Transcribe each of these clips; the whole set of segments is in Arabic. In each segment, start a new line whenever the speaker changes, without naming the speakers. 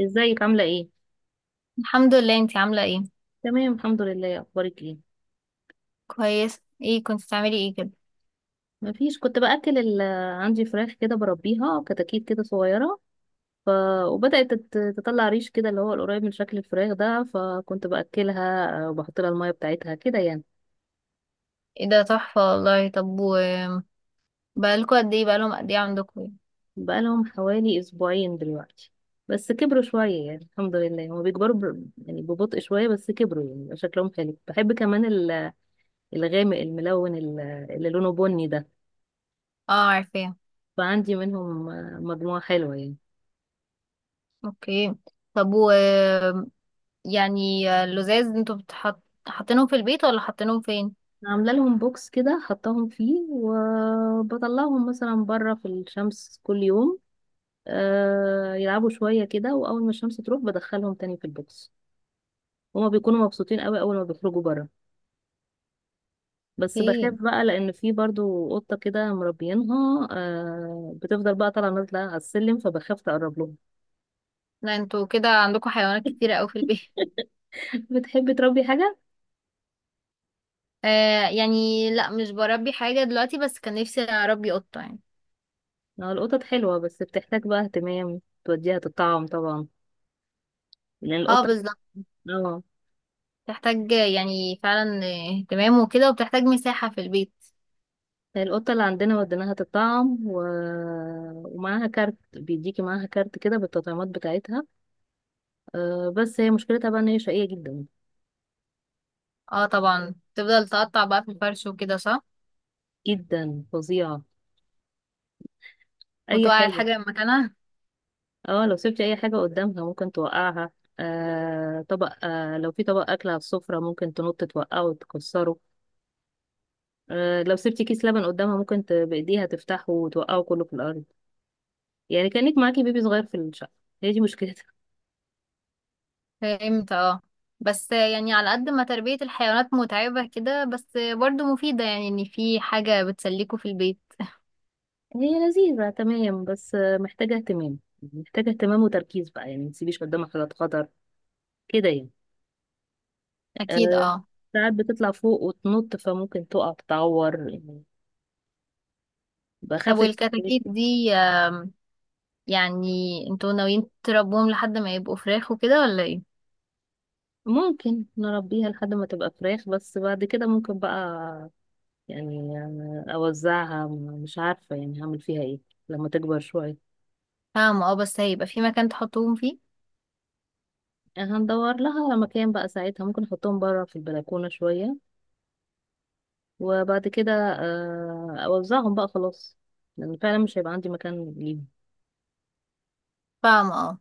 ازيك عاملة ايه؟
الحمد لله، انتي عاملة ايه؟
تمام الحمد لله اخبارك ايه؟
كويس. ايه كنت بتعملي ايه كده؟
مفيش كنت عندي فراخ كده بربيها كتاكيت كده صغيرة، ف... وبدأت تطلع ريش كده اللي هو القريب من شكل الفراخ ده، فكنت بأكلها وبحط لها المية بتاعتها كده يعني.
ايه ده تحفة والله. طب بقالكوا قد ايه بقالهم قد ايه عندكوا يعني؟
بقالهم حوالي أسبوعين دلوقتي، بس كبروا شوية يعني الحمد لله. هما بيكبروا يعني ببطء شوية، بس كبروا يعني بقى شكلهم حلو. بحب كمان الغامق الملون اللي لونه بني ده.
اه، عارفاه.
فعندي منهم مجموعة حلوة يعني.
اوكي. طب يعني اللزاز انتوا حاطينهم في البيت ولا حاطينهم فين؟
عامله لهم بوكس كده حطاهم فيه، وبطلعهم مثلا بره في الشمس كل يوم، آه يلعبوا شويه كده، واول ما الشمس تروح بدخلهم تاني في البوكس. هما بيكونوا مبسوطين قوي اول ما بيخرجوا بره، بس بخاف
ايه.
بقى لان في برضو قطه كده مربيينها، آه بتفضل بقى طالعه نازله على السلم، فبخاف تقرب لهم.
لا انتوا كده عندكوا حيوانات كتيرة اوي في البيت
بتحبي تربي حاجه؟
آه يعني، لا مش بربي حاجة دلوقتي، بس كان نفسي اربي قطة يعني.
آه، القطط حلوه بس بتحتاج بقى اهتمام، توديها تطعم طبعا لان
اه
القطه.
بالظبط.
اه.
بتحتاج يعني فعلا اهتمام وكده، وبتحتاج مساحة في البيت.
القطة اللي عندنا وديناها تطعم ومعاها كارت، بيديكي معاها كارت كده بالتطعيمات بتاعتها. أه بس هي مشكلتها بقى ان هي شقية جدا.
اه طبعا، تفضل تقطع بقى في الفرش وكده، صح.
جدا، فظيعة، اي
وتوقع
حاجة.
الحاجة مكانها.
اه لو سبتي اي حاجة قدامها ممكن توقعها. أه طبق، أه لو في طبق اكل على السفرة ممكن تنط توقعه وتكسره. أه لو سبتي كيس لبن قدامها ممكن بايديها تفتحه وتوقعه كله في الارض. يعني كأنك معاكي بيبي صغير في الشقة، هي دي مشكلتها.
امتى؟ اه. بس يعني على قد ما تربية الحيوانات متعبة كده، بس برضو مفيدة يعني ان في حاجة بتسليكوا في البيت.
هي لذيذة تمام بس محتاجة اهتمام، محتاجة اهتمام وتركيز بقى، يعني ما تسيبيش قدامك حاجات خطر كده يعني.
اكيد
أه.
اه.
ساعات بتطلع فوق وتنط فممكن تقع تتعور يعني،
طب
بخاف.
والكتاكيت دي يعني انتوا ناويين تربوهم لحد ما يبقوا فراخ وكده ولا ايه؟
ممكن نربيها لحد ما تبقى فراخ، بس بعد كده ممكن بقى يعني أنا أوزعها، مش عارفة يعني هعمل فيها ايه لما تكبر شوية.
فاهمة اه. بس هيبقى في مكان تحطوهم فيه؟
هندور لها مكان بقى ساعتها، ممكن احطهم بره في البلكونة شوية، وبعد كده آه، اوزعهم بقى خلاص، لان فعلا مش هيبقى عندي مكان ليهم.
فاهمة اه.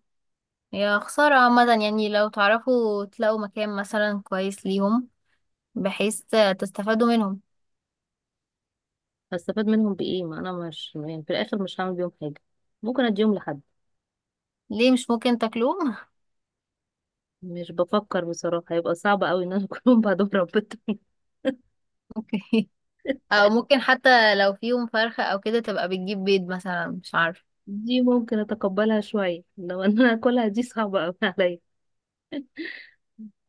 يا خسارة. عامة يعني لو تعرفوا تلاقوا مكان مثلا كويس ليهم، بحيث تستفادوا منهم.
هستفاد منهم بايه؟ ما انا مش يعني في الاخر مش هعمل بيهم حاجه، ممكن اديهم لحد.
ليه مش ممكن تاكلوه؟
مش بفكر بصراحه، هيبقى صعب قوي ان انا اكلهم بعدهم ربيتهم.
اوكي. او ممكن حتى لو فيهم فرخة او كده تبقى بتجيب بيض مثلا، مش عارفه.
دي ممكن اتقبلها شويه، لو ان انا اكلها دي صعبه قوي عليا.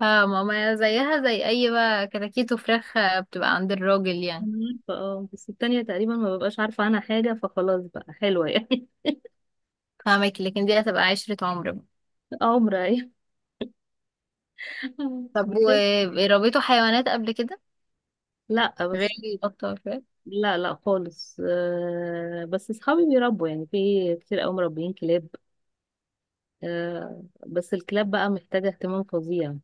فماما زيها زي اي بقى، كتاكيت وفراخ بتبقى عند الراجل يعني.
انا عارفه اه، بس التانية تقريبا ما ببقاش عارفه عنها حاجه فخلاص بقى حلوه يعني.
فاهمك، لكن دي هتبقى عشرة عمر بقى.
عمر ايه؟
طب وربيتوا حيوانات قبل كده
لا
غير
بس.
القطة والكلاب؟
لا لا خالص، آه، بس اصحابي بيربوا يعني، في كتير قوي مربيين كلاب. آه، بس الكلاب بقى محتاجة اهتمام فظيع،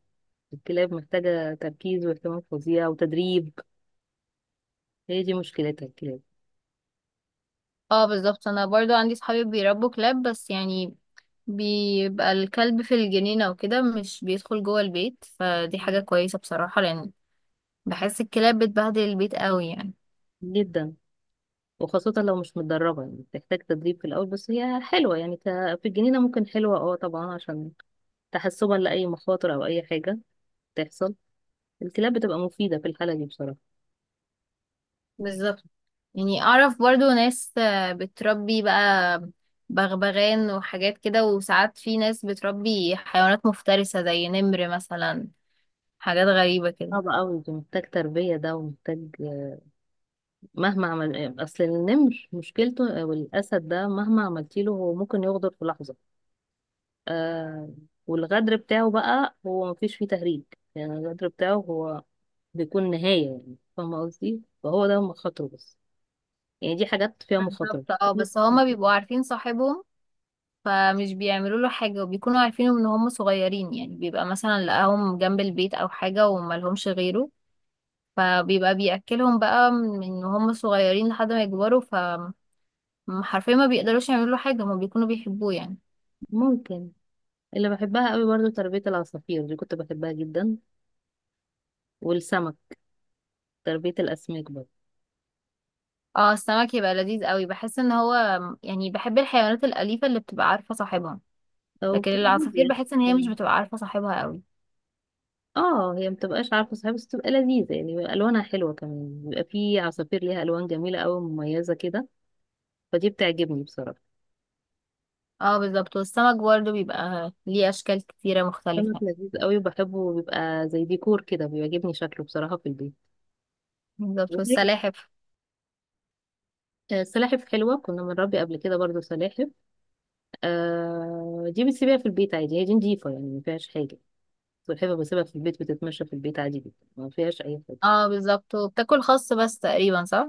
الكلاب محتاجة تركيز واهتمام فظيع وتدريب، هي دي مشكلتها الكلاب.
اه بالظبط، انا برضو عندي صحابي بيربوا كلاب، بس يعني بيبقى الكلب في الجنينة وكده، مش بيدخل جوه البيت، فدي حاجة كويسة بصراحة، لأن بحس الكلاب بتبهدل البيت قوي يعني.
جدا. وخاصة لو مش متدربة يعني بتحتاج تدريب في الأول، بس هي حلوة يعني في الجنينة ممكن، حلوة اه طبعا، عشان تحسبا لأي مخاطر أو أي حاجة تحصل، الكلاب بتبقى مفيدة في الحالة دي بصراحة.
بالظبط. يعني اعرف برضو ناس بتربي بقى بغبغان وحاجات كده، وساعات في ناس بتربي حيوانات مفترسة زي نمر مثلا، حاجات غريبة كده.
صعب أوي ده، محتاج تربية ده ومحتاج، مهما عمل اصل النمر مشكلته آه، والاسد ده مهما عملتي له هو ممكن يغدر في لحظه. آه، والغدر بتاعه بقى هو مفيش فيه تهريج، يعني الغدر بتاعه هو بيكون نهايه يعني، فاهمه قصدي؟ فهو ده مخاطره، بس يعني دي حاجات فيها مخاطره.
بالظبط اه. بس هما بيبقوا عارفين صاحبهم فمش بيعملوا له حاجة، وبيكونوا عارفين ان هم صغيرين يعني، بيبقى مثلا لقاهم جنب البيت او حاجة وملهمش غيره، فبيبقى بيأكلهم بقى من هم صغيرين لحد ما يكبروا، حرفيا ما بيقدروش يعملوا له حاجة، هما بيكونوا بيحبوه يعني.
ممكن. اللي بحبها قوي برضو تربيه العصافير، دي كنت بحبها جدا، والسمك، تربيه الاسماك برضه.
اه السمك يبقى لذيذ قوي، بحس ان هو يعني، بحب الحيوانات الأليفة اللي بتبقى عارفة صاحبها.
او
لكن
بتبقى
العصافير
هاديه
بحس ان هي مش
يعني.
بتبقى عارفة صاحبها قوي.
اه هي مبتبقاش عارفة صحيح، بس بتبقى لذيذة يعني، بيبقى ألوانها حلوة كمان، بيبقى في عصافير ليها ألوان جميلة أوي مميزة كده، فدي بتعجبني بصراحة.
اه بالظبط، والسمك برضه بيبقى ليه اشكال كتيرة
سمك
مختلفة.
لذيذ أوي وبحبه، بيبقى زي ديكور كده بيعجبني شكله بصراحة في البيت.
بالظبط.
وغير-
والسلاحف.
آه، سلاحف حلوة، كنا بنربي قبل كده برضو سلاحف. آه دي بتسيبيها في البيت عادي، هي دي نضيفة يعني ما فيهاش حاجة. والحفة بسيبها في البيت بتتمشى في البيت عادي جدا، ما فيهاش أي حاجة.
اه بالظبط، وبتاكل خس بس تقريبا، صح؟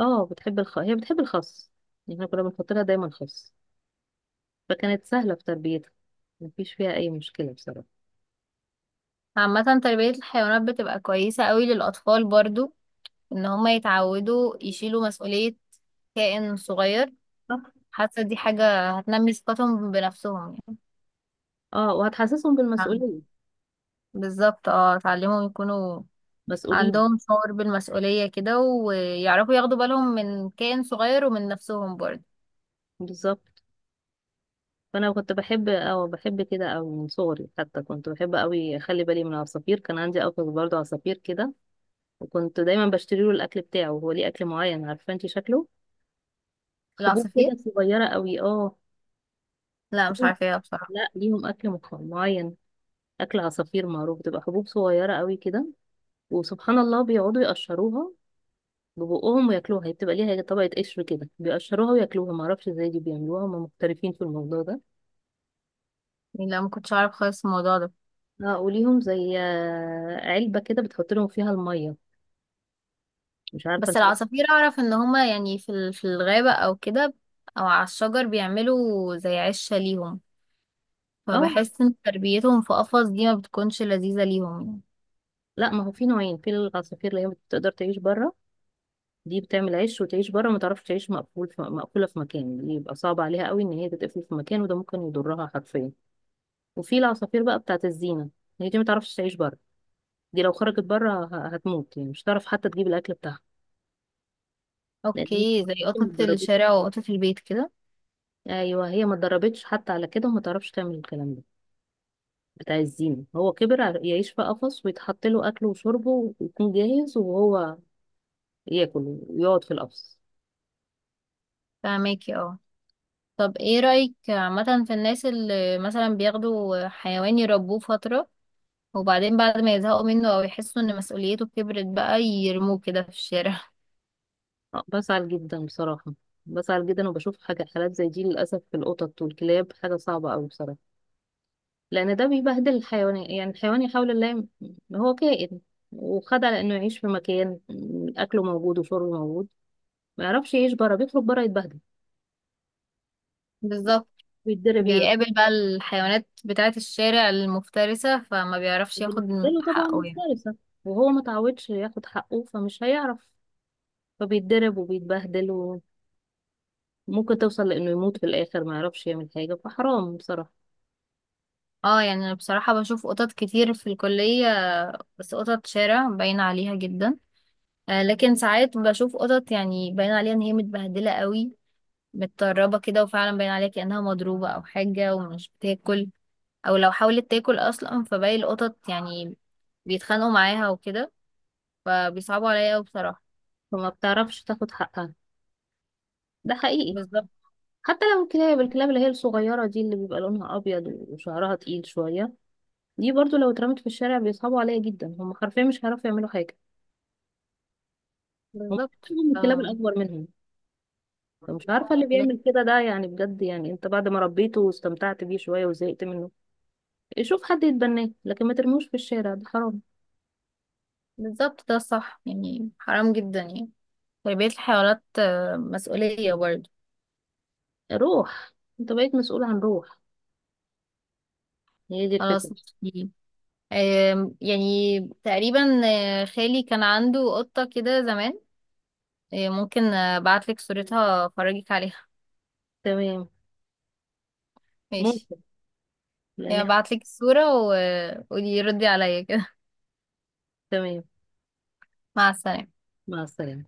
اه بتحب هي بتحب الخس، يعني احنا كنا بنحط لها دايما خس، فكانت سهلة في تربيتها، مفيش فيها أي مشكلة بصراحة.
عامة تربية الحيوانات بتبقى كويسة قوي للأطفال برضو، إن هما يتعودوا يشيلوا مسؤولية كائن صغير.
صح.
حاسة دي حاجة هتنمي ثقتهم بنفسهم يعني.
اه وهتحسسهم
نعم،
بالمسؤولية.
بالظبط اه، اتعلمهم يكونوا
مسؤولين.
عندهم شعور بالمسؤولية كده، ويعرفوا ياخدوا بالهم من كائن صغير ومن نفسهم برضه.
بالظبط. فأنا كنت بحب أو بحب كده أو من صغري، حتى كنت بحب أوي أخلي بالي من العصافير، كان عندي أخ برضه عصافير كده، وكنت دايما بشتري له الأكل بتاعه، هو ليه أكل معين، عارفة انتي شكله؟ حبوب
العصافير،
كده صغيرة أوي اه.
لا مش
ليهم-
عارفاها بصراحة.
لا ليهم أكل معين، أكل عصافير معروف بتبقى حبوب صغيرة أوي كده، وسبحان الله بيقعدوا يقشروها ببقهم وياكلوها، هي بتبقى ليها طبقة قشر كده بيقشروها وياكلوها، معرفش ازاي دي بيعملوها، هم محترفين في الموضوع ده.
يعني لا، ما كنتش اعرف خالص الموضوع ده.
اه وليهم زي آه، علبة كده بتحط لهم فيها المية، مش عارفة
بس
انت.
العصافير اعرف ان هما يعني في الغابة او كده، او على الشجر بيعملوا زي عشة ليهم.
اه
فبحس ان تربيتهم في قفص دي ما بتكونش لذيذة ليهم يعني.
لا ما هو في نوعين في العصافير، اللي هي بتقدر تعيش بره، دي بتعمل عيش وتعيش بره ما تعرفش تعيش مقفول في، مقفولة في مكان، دي يبقى صعب عليها قوي ان هي تتقفل في مكان، وده ممكن يضرها حرفيا. وفي العصافير بقى بتاعت الزينة، هي دي ما تعرفش تعيش بره، دي لو خرجت بره هتموت يعني، مش هتعرف حتى تجيب الاكل بتاعها، لان هي
اوكي،
ما
زي قطة
اتدربتش.
الشارع وقطة البيت كده.
ايوه هي ما اتدربتش حتى على كده، وما تعرفش تعمل الكلام ده. بتاع الزينة هو كبر يعيش في قفص ويتحط له اكله وشربه ويكون جاهز، وهو ياكل ويقعد في القفص.
فهماكي اه. طب ايه رأيك عامة في الناس اللي مثلا بياخدوا حيوان يربوه فترة، وبعدين بعد ما يزهقوا منه او يحسوا ان مسؤوليته كبرت بقى يرموه كده في الشارع؟
آه، بزعل جدا بصراحة، بزعل جدا، وبشوف حاجة حالات زي دي للأسف في القطط والكلاب، حاجة صعبة أوي بصراحة، لأن ده بيبهدل الحيوان يعني، الحيوان يحاول الله هو كائن وخد على إنه يعيش في مكان أكله موجود وشربه موجود، ما يعرفش يعيش بره، بيخرج بره يتبهدل
بالظبط.
ويتضرب يعني.
بيقابل بقى الحيوانات بتاعة الشارع المفترسة، فما بيعرفش ياخد
بالنسبة له طبعا
حقه يعني.
مفترسة. وهو متعودش ياخد حقه فمش هيعرف، فبيتضرب وبيتبهدل، وممكن توصل لأنه يموت في الآخر، ما يعرفش يعمل حاجة، فحرام بصراحة.
اه يعني انا بصراحة بشوف قطط كتير في الكلية، بس قطط شارع باين عليها جدا. آه لكن ساعات بشوف قطط يعني باين عليها ان هي متبهدلة قوي، متطربة كده، وفعلا باين عليها كأنها مضروبة او حاجة ومش بتاكل، او لو حاولت تاكل اصلا فباقي القطط يعني بيتخانقوا معاها وكده، فبيصعبوا عليا قوي بصراحة.
فما بتعرفش تاخد حقها، ده حقيقي.
بالظبط.
حتى لو الكلاب، الكلاب اللي هي الصغيرة دي، اللي بيبقى لونها أبيض وشعرها تقيل شوية، دي برضو لو اترمت في الشارع بيصعبوا عليها جدا، هم حرفيا مش هيعرفوا يعملوا حاجة، هم
بالظبط
بيحبوا الكلاب
اه.
الأكبر منهم. فمش عارفة اللي
ليه؟
بيعمل كده ده يعني بجد، يعني انت بعد ما ربيته واستمتعت بيه شوية وزهقت منه، شوف حد يتبناه، لكن ما ترموش في الشارع ده حرام.
بالظبط، ده الصح يعني، حرام جدا يعني، تربية الحيوانات مسؤولية برضه.
روح، انت بقيت مسؤول عن روح، هي دي
خلاص.
الفكرة.
دي يعني تقريبا، خالي كان عنده قطة كده زمان، ممكن ابعتلك صورتها افرجك عليها.
تمام.
ماشي.
ممكن. لان
يعني
احنا.
ابعتلك الصورة وقولي ردي عليا كده.
تمام
مع السلامة.
مع السلامة.